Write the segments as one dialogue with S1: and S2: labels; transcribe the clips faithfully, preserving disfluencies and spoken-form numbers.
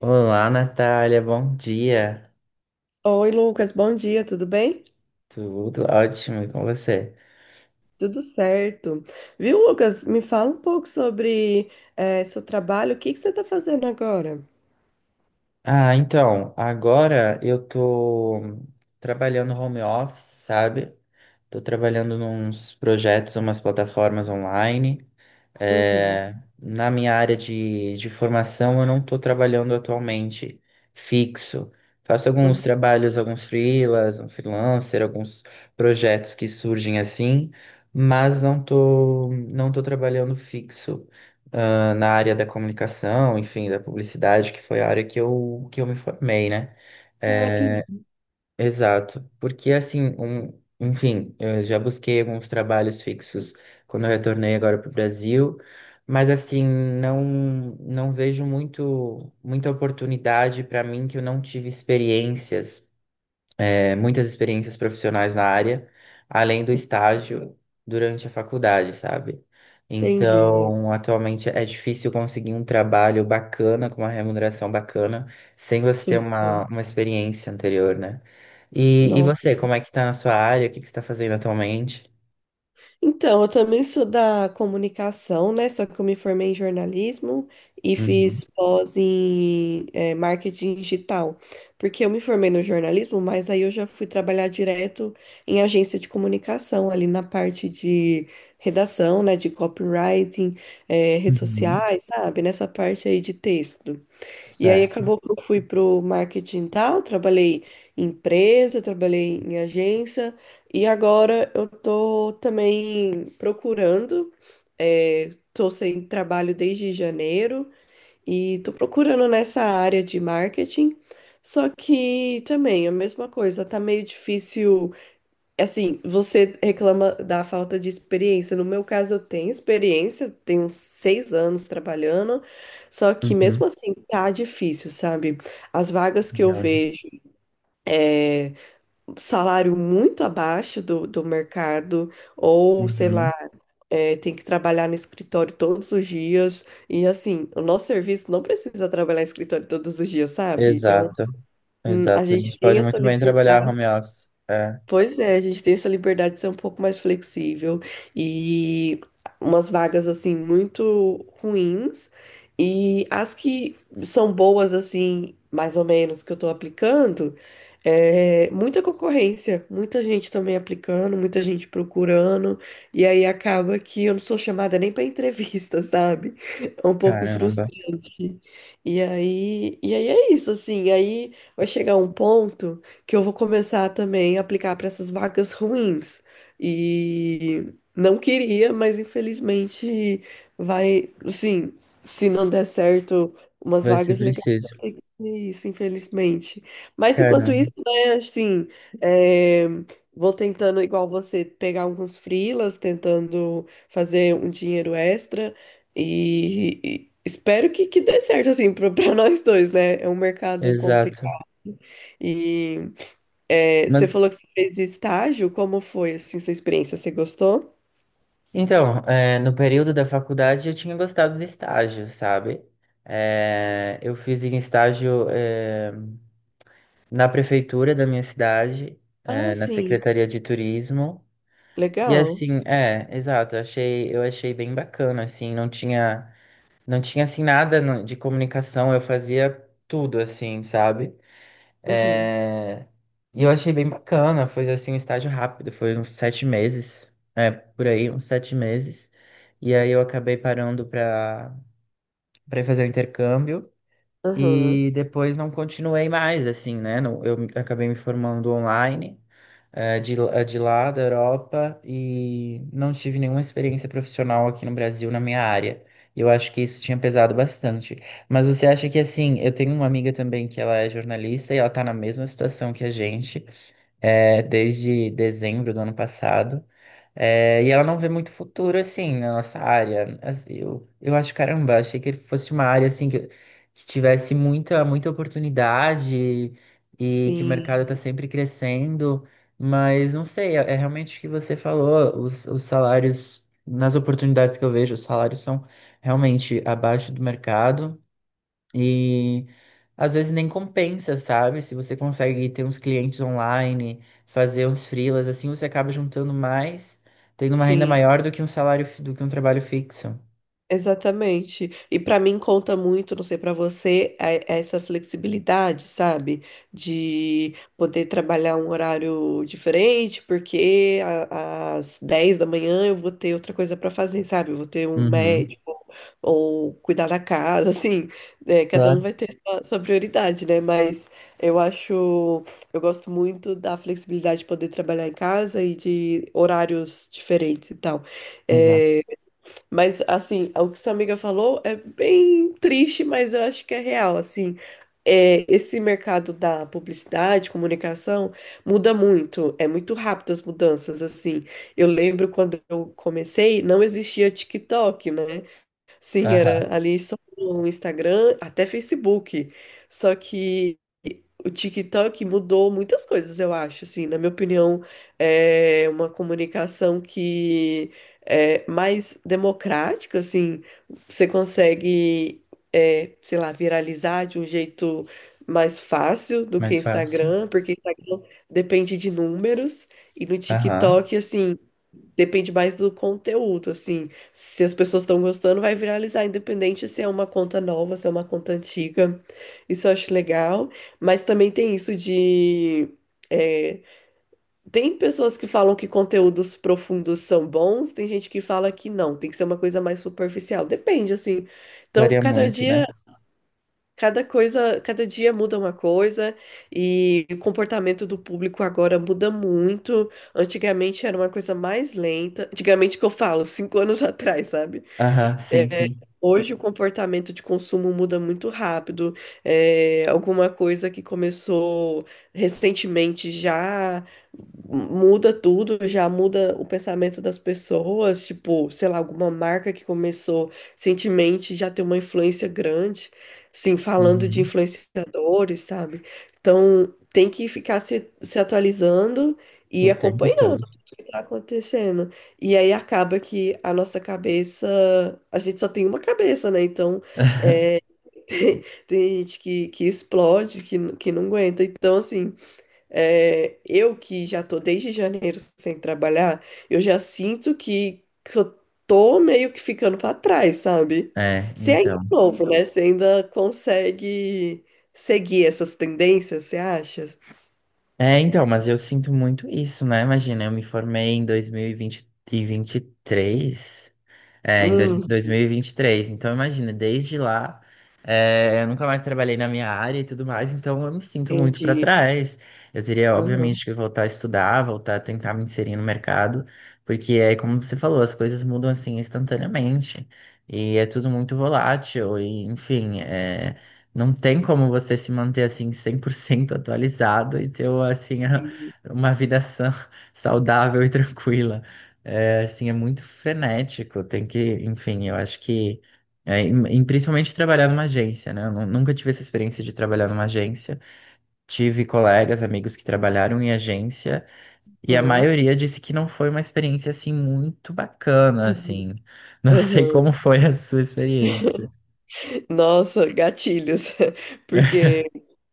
S1: Olá, Natália, bom dia.
S2: Oi, Lucas, bom dia, tudo bem?
S1: Tudo ótimo, e com você?
S2: Tudo certo. Viu, Lucas? Me fala um pouco sobre eh, seu trabalho, o que que você está fazendo agora?
S1: Ah, então, agora eu tô trabalhando home office, sabe? Tô trabalhando nos projetos, umas plataformas online.
S2: Uhum,
S1: É, na minha área de, de formação, eu não estou trabalhando atualmente fixo. Faço alguns
S2: uhum.
S1: trabalhos, alguns freelas, um freelancer, alguns projetos que surgem assim, mas não estou não estou trabalhando fixo, ah, na área da comunicação, enfim, da publicidade, que foi a área que eu, que eu me formei, né?
S2: Ah, entendi.
S1: É, exato, porque assim, um, enfim, eu já busquei alguns trabalhos fixos quando eu retornei agora para o Brasil, mas assim, não não vejo muito muita oportunidade para mim que eu não tive experiências, é, muitas experiências profissionais na área, além do estágio durante a faculdade, sabe?
S2: Entendi.
S1: Então, atualmente é difícil conseguir um trabalho bacana, com uma remuneração bacana, sem você ter uma,
S2: Super.
S1: uma experiência anterior, né? E, e você, como é que tá na sua área? O que que você está fazendo atualmente?
S2: Então, eu também sou da comunicação, né? Só que eu me formei em jornalismo e
S1: Uhum,
S2: fiz pós em eh, marketing digital. Porque eu me formei no jornalismo, mas aí eu já fui trabalhar direto em agência de comunicação, ali na parte de redação, né? De copywriting, eh, redes
S1: uhum,
S2: sociais, sabe? Nessa parte aí de texto. E aí
S1: certo.
S2: acabou que eu fui pro marketing e tal, trabalhei em empresa, trabalhei em agência e agora eu tô também procurando, é, tô sem trabalho desde janeiro e tô procurando nessa área de marketing, só que também a mesma coisa, tá meio difícil. Assim, você reclama da falta de experiência. No meu caso, eu tenho experiência, tenho uns seis anos trabalhando, só que
S1: Uhum,
S2: mesmo assim tá difícil, sabe? As vagas que eu
S1: verdade.
S2: vejo, salário muito abaixo do, do mercado, ou sei
S1: Uhum,
S2: lá, é, tem que trabalhar no escritório todos os dias. E assim, o nosso serviço não precisa trabalhar em escritório todos os dias, sabe? É um,
S1: exato,
S2: a
S1: exato. A
S2: gente
S1: gente
S2: tem
S1: pode
S2: essa
S1: muito bem trabalhar
S2: liberdade.
S1: home office. É,
S2: Pois é, a gente tem essa liberdade de ser um pouco mais flexível e umas vagas assim muito ruins e as que são boas assim, mais ou menos que eu tô aplicando, é muita concorrência, muita gente também aplicando, muita gente procurando e aí acaba que eu não sou chamada nem para entrevista, sabe? É um pouco
S1: caramba,
S2: frustrante. E aí, e aí é isso assim, aí vai chegar um ponto que eu vou começar também a aplicar para essas vagas ruins. E não queria, mas infelizmente vai, assim, se não der certo umas
S1: vai ser
S2: vagas legais, vai
S1: preciso.
S2: ter que ser isso, infelizmente. Mas enquanto
S1: Caramba.
S2: isso, né, assim, é, vou tentando, igual você, pegar alguns freelas, tentando fazer um dinheiro extra e. e espero que, que dê certo, assim, para nós dois, né? É um mercado
S1: Exato.
S2: complicado. E é, você
S1: Mas
S2: falou que você fez estágio, como foi, assim, sua experiência? Você gostou?
S1: então, eh, no período da faculdade eu tinha gostado de estágio, sabe? Eh, eu fiz em estágio, eh, na prefeitura da minha cidade, eh,
S2: Ah,
S1: na
S2: sim,
S1: Secretaria de Turismo. E
S2: legal.
S1: assim, é, exato, eu achei, eu achei bem bacana, assim, não tinha, não tinha assim nada no- de comunicação, eu fazia tudo assim, sabe?
S2: Uhum.
S1: É. E eu achei bem bacana, foi assim um estágio rápido, foi uns sete meses, é, por aí, uns sete meses. E aí eu acabei parando para para fazer o intercâmbio.
S2: Aham.
S1: E depois não continuei mais, assim, né? Não- Eu me- acabei me formando online, eh, de, eh, de lá, da Europa, e não tive nenhuma experiência profissional aqui no Brasil na minha área. E eu acho que isso tinha pesado bastante. Mas você acha que, assim, eu tenho uma amiga também que ela é jornalista e ela tá na mesma situação que a gente, eh, desde dezembro do ano passado. É, e ela não vê muito futuro, assim, na nossa área. Assim, Eu, eu acho, caramba, achei que ele fosse uma área, assim, que, que tivesse muita, muita oportunidade e que o mercado está
S2: Sim,
S1: sempre crescendo. Mas, não sei, é, é realmente o que você falou, os, os salários, nas oportunidades que eu vejo, os salários são realmente abaixo do mercado. E às vezes nem compensa, sabe? Se você consegue ter uns clientes online, fazer uns freelas, assim você acaba juntando mais, tendo uma renda
S2: sim,
S1: maior do que um salário, fi- do que um trabalho fixo.
S2: exatamente. E para mim conta muito, não sei para você, é- é essa flexibilidade, sabe? De poder trabalhar um horário diferente, porque a- às dez da manhã eu vou ter outra coisa para fazer, sabe? Eu vou ter um
S1: Uhum.
S2: médico. Ou cuidar da casa, assim, né? Cada
S1: Claro,
S2: um vai ter sua, sua prioridade, né? Mas eu acho, eu gosto muito da flexibilidade de poder trabalhar em casa e de horários diferentes e tal.
S1: exato.
S2: É, mas, assim, o que sua amiga falou é bem triste, mas eu acho que é real, assim. É, esse mercado da publicidade, comunicação, muda muito, é muito rápido as mudanças, assim. Eu lembro quando eu comecei, não existia TikTok, né? Sim,
S1: Aham,
S2: era ali só no Instagram, até Facebook. Só que o TikTok mudou muitas coisas, eu acho, assim, na minha opinião, é uma comunicação que é mais democrática, assim, você consegue, é, sei lá, viralizar de um jeito mais fácil do que
S1: mais fácil.
S2: Instagram, porque Instagram depende de números, e no
S1: Aham.
S2: TikTok, assim, depende mais do conteúdo, assim. Se as pessoas estão gostando, vai viralizar, independente se é uma conta nova, se é uma conta antiga. Isso eu acho legal. Mas também tem isso de. É, tem pessoas que falam que conteúdos profundos são bons, tem gente que fala que não, tem que ser uma coisa mais superficial. Depende, assim. Então,
S1: Varia
S2: cada
S1: muito,
S2: dia,
S1: né?
S2: cada coisa, cada dia muda uma coisa e o comportamento do público agora muda muito. Antigamente era uma coisa mais lenta. Antigamente que eu falo, cinco anos atrás, sabe?
S1: Aham, sim, sim.
S2: Hoje o comportamento de consumo muda muito rápido. É, alguma coisa que começou recentemente já muda tudo, já muda o pensamento das pessoas. Tipo, sei lá, alguma marca que começou recentemente já tem uma influência grande. Sim, falando de
S1: Uhum.
S2: influenciadores, sabe? Então tem que ficar se, se atualizando e
S1: O tempo
S2: acompanhando
S1: todo.
S2: tá acontecendo? E aí acaba que a nossa cabeça, a gente só tem uma cabeça, né? Então tem, tem gente que, que explode, que, n- que não aguenta. Então, assim, é, eu que já tô desde janeiro sem trabalhar, eu já sinto que, que eu tô meio que ficando pra trás, sabe?
S1: É,
S2: Você ainda é
S1: então.
S2: novo, né? Você ainda consegue seguir essas tendências, você acha?
S1: É, então, mas eu sinto muito isso, né? Imagina, eu me formei em dois mil e vinte e três. É, em dois-
S2: Hum,
S1: 2023. Então, imagina, desde lá, é, eu nunca mais trabalhei na minha área e tudo mais, então eu me sinto muito para
S2: entendi.
S1: trás. Eu teria,
S2: Aham.
S1: obviamente, que voltar a estudar, voltar a tentar me inserir no mercado, porque é como você falou, as coisas mudam assim instantaneamente e é tudo muito volátil, e enfim, é, não tem como você se manter assim cem por cento atualizado e ter assim a-
S2: Sim.
S1: uma vida sã, saudável e tranquila. É, assim, é muito frenético, tem que, enfim, eu acho que, é, em- em- principalmente trabalhar numa agência, né? Eu nu- nunca tive essa experiência de trabalhar numa agência. Tive colegas, amigos que trabalharam em agência, e a
S2: Aham.
S1: maioria disse que não foi uma experiência, assim, muito bacana, assim. Não sei
S2: Aham.
S1: como foi a sua experiência.
S2: Nossa, gatilhos. Porque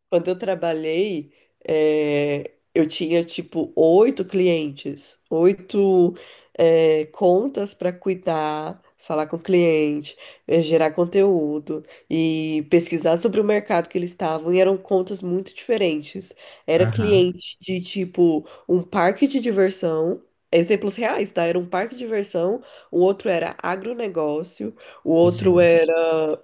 S2: quando eu trabalhei, eh, eu tinha tipo oito clientes, oito, eh, contas para cuidar, falar com o cliente, eh, gerar conteúdo e pesquisar sobre o mercado que eles estavam. E eram contas muito diferentes. Era
S1: Aham,
S2: cliente de tipo um parque de diversão. Exemplos reais, tá? Era um parque de diversão, o outro era agronegócio, o outro era,
S1: gente.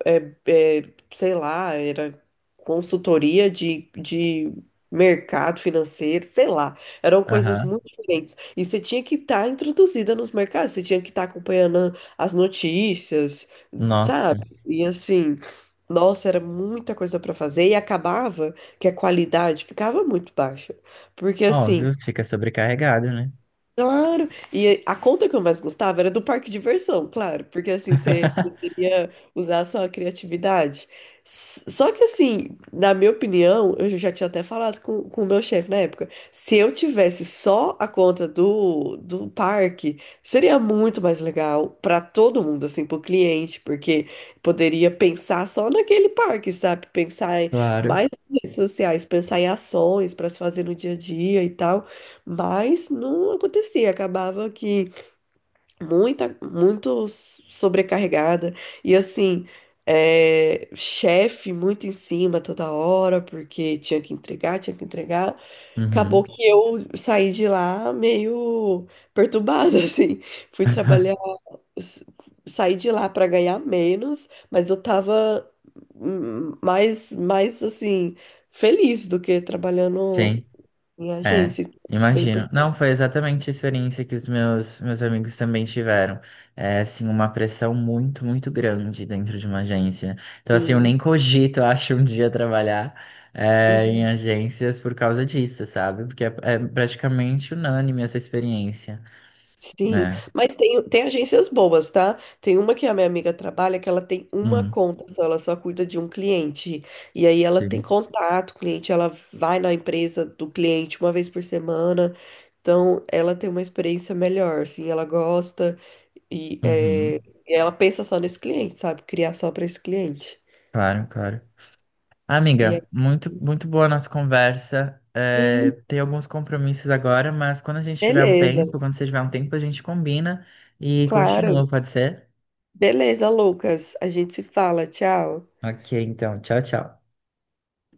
S2: eh, eh, sei lá, era consultoria de, de mercado financeiro, sei lá. Eram
S1: Aham.
S2: coisas muito diferentes. E você tinha que estar introduzida nos mercados, você tinha que estar acompanhando as notícias, sabe?
S1: Nossa.
S2: E assim, nossa, era muita coisa para fazer e acabava que a qualidade ficava muito baixa. Porque assim,
S1: Óbvio, fica sobrecarregado, né?
S2: claro! E a conta que eu mais gostava era do parque de diversão, claro, porque assim você poderia usar a sua criatividade. S- Só que assim, na minha opinião, eu já tinha até falado com, com o meu chefe na época, se eu tivesse só a conta do, do parque, seria muito mais legal para todo mundo, assim, para o cliente, porque poderia pensar só naquele parque, sabe? Pensar em
S1: Claro.
S2: mais redes sociais, pensar em ações para se fazer no dia a dia e tal. Mas não acontecia, acabava que muita, muito sobrecarregada e assim, é, chefe muito em cima toda hora, porque tinha que entregar, tinha que entregar.
S1: Uhum.
S2: Acabou que eu saí de lá meio perturbada, assim. Fui trabalhar, s- saí de lá para ganhar menos, mas eu tava hum, mais, mais assim, feliz do que trabalhando
S1: Sim.
S2: em
S1: É,
S2: agência. Bem
S1: imagino. Não,
S2: perturbada.
S1: foi exatamente a experiência que os meus, meus amigos também tiveram. É, assim, uma pressão muito, muito grande dentro de uma agência. Então, assim, eu nem cogito, eu acho, um dia trabalhar, é, em
S2: Uhum.
S1: agências por causa disso, sabe? Porque é, é praticamente unânime essa experiência.
S2: Sim,
S1: É.
S2: mas tem, tem agências boas, tá? Tem uma que a minha amiga trabalha que ela tem uma
S1: Hum,
S2: conta só, ela só cuida de um cliente. E aí ela tem
S1: sim.
S2: contato, cliente, ela vai na empresa do cliente uma vez por semana. Então ela tem uma experiência melhor, assim, ela gosta e, é,
S1: Uhum.
S2: e ela pensa só nesse cliente, sabe? Criar só para esse cliente.
S1: Claro, claro.
S2: E aí,
S1: Amiga, muito, muito boa a nossa conversa. É,
S2: sim,
S1: tem alguns compromissos agora, mas quando a gente tiver um
S2: beleza,
S1: tempo, quando você tiver um tempo, a gente combina e continua,
S2: claro.
S1: pode ser?
S2: Beleza, Lucas. A gente se fala, tchau.
S1: Ok, então, tchau, tchau.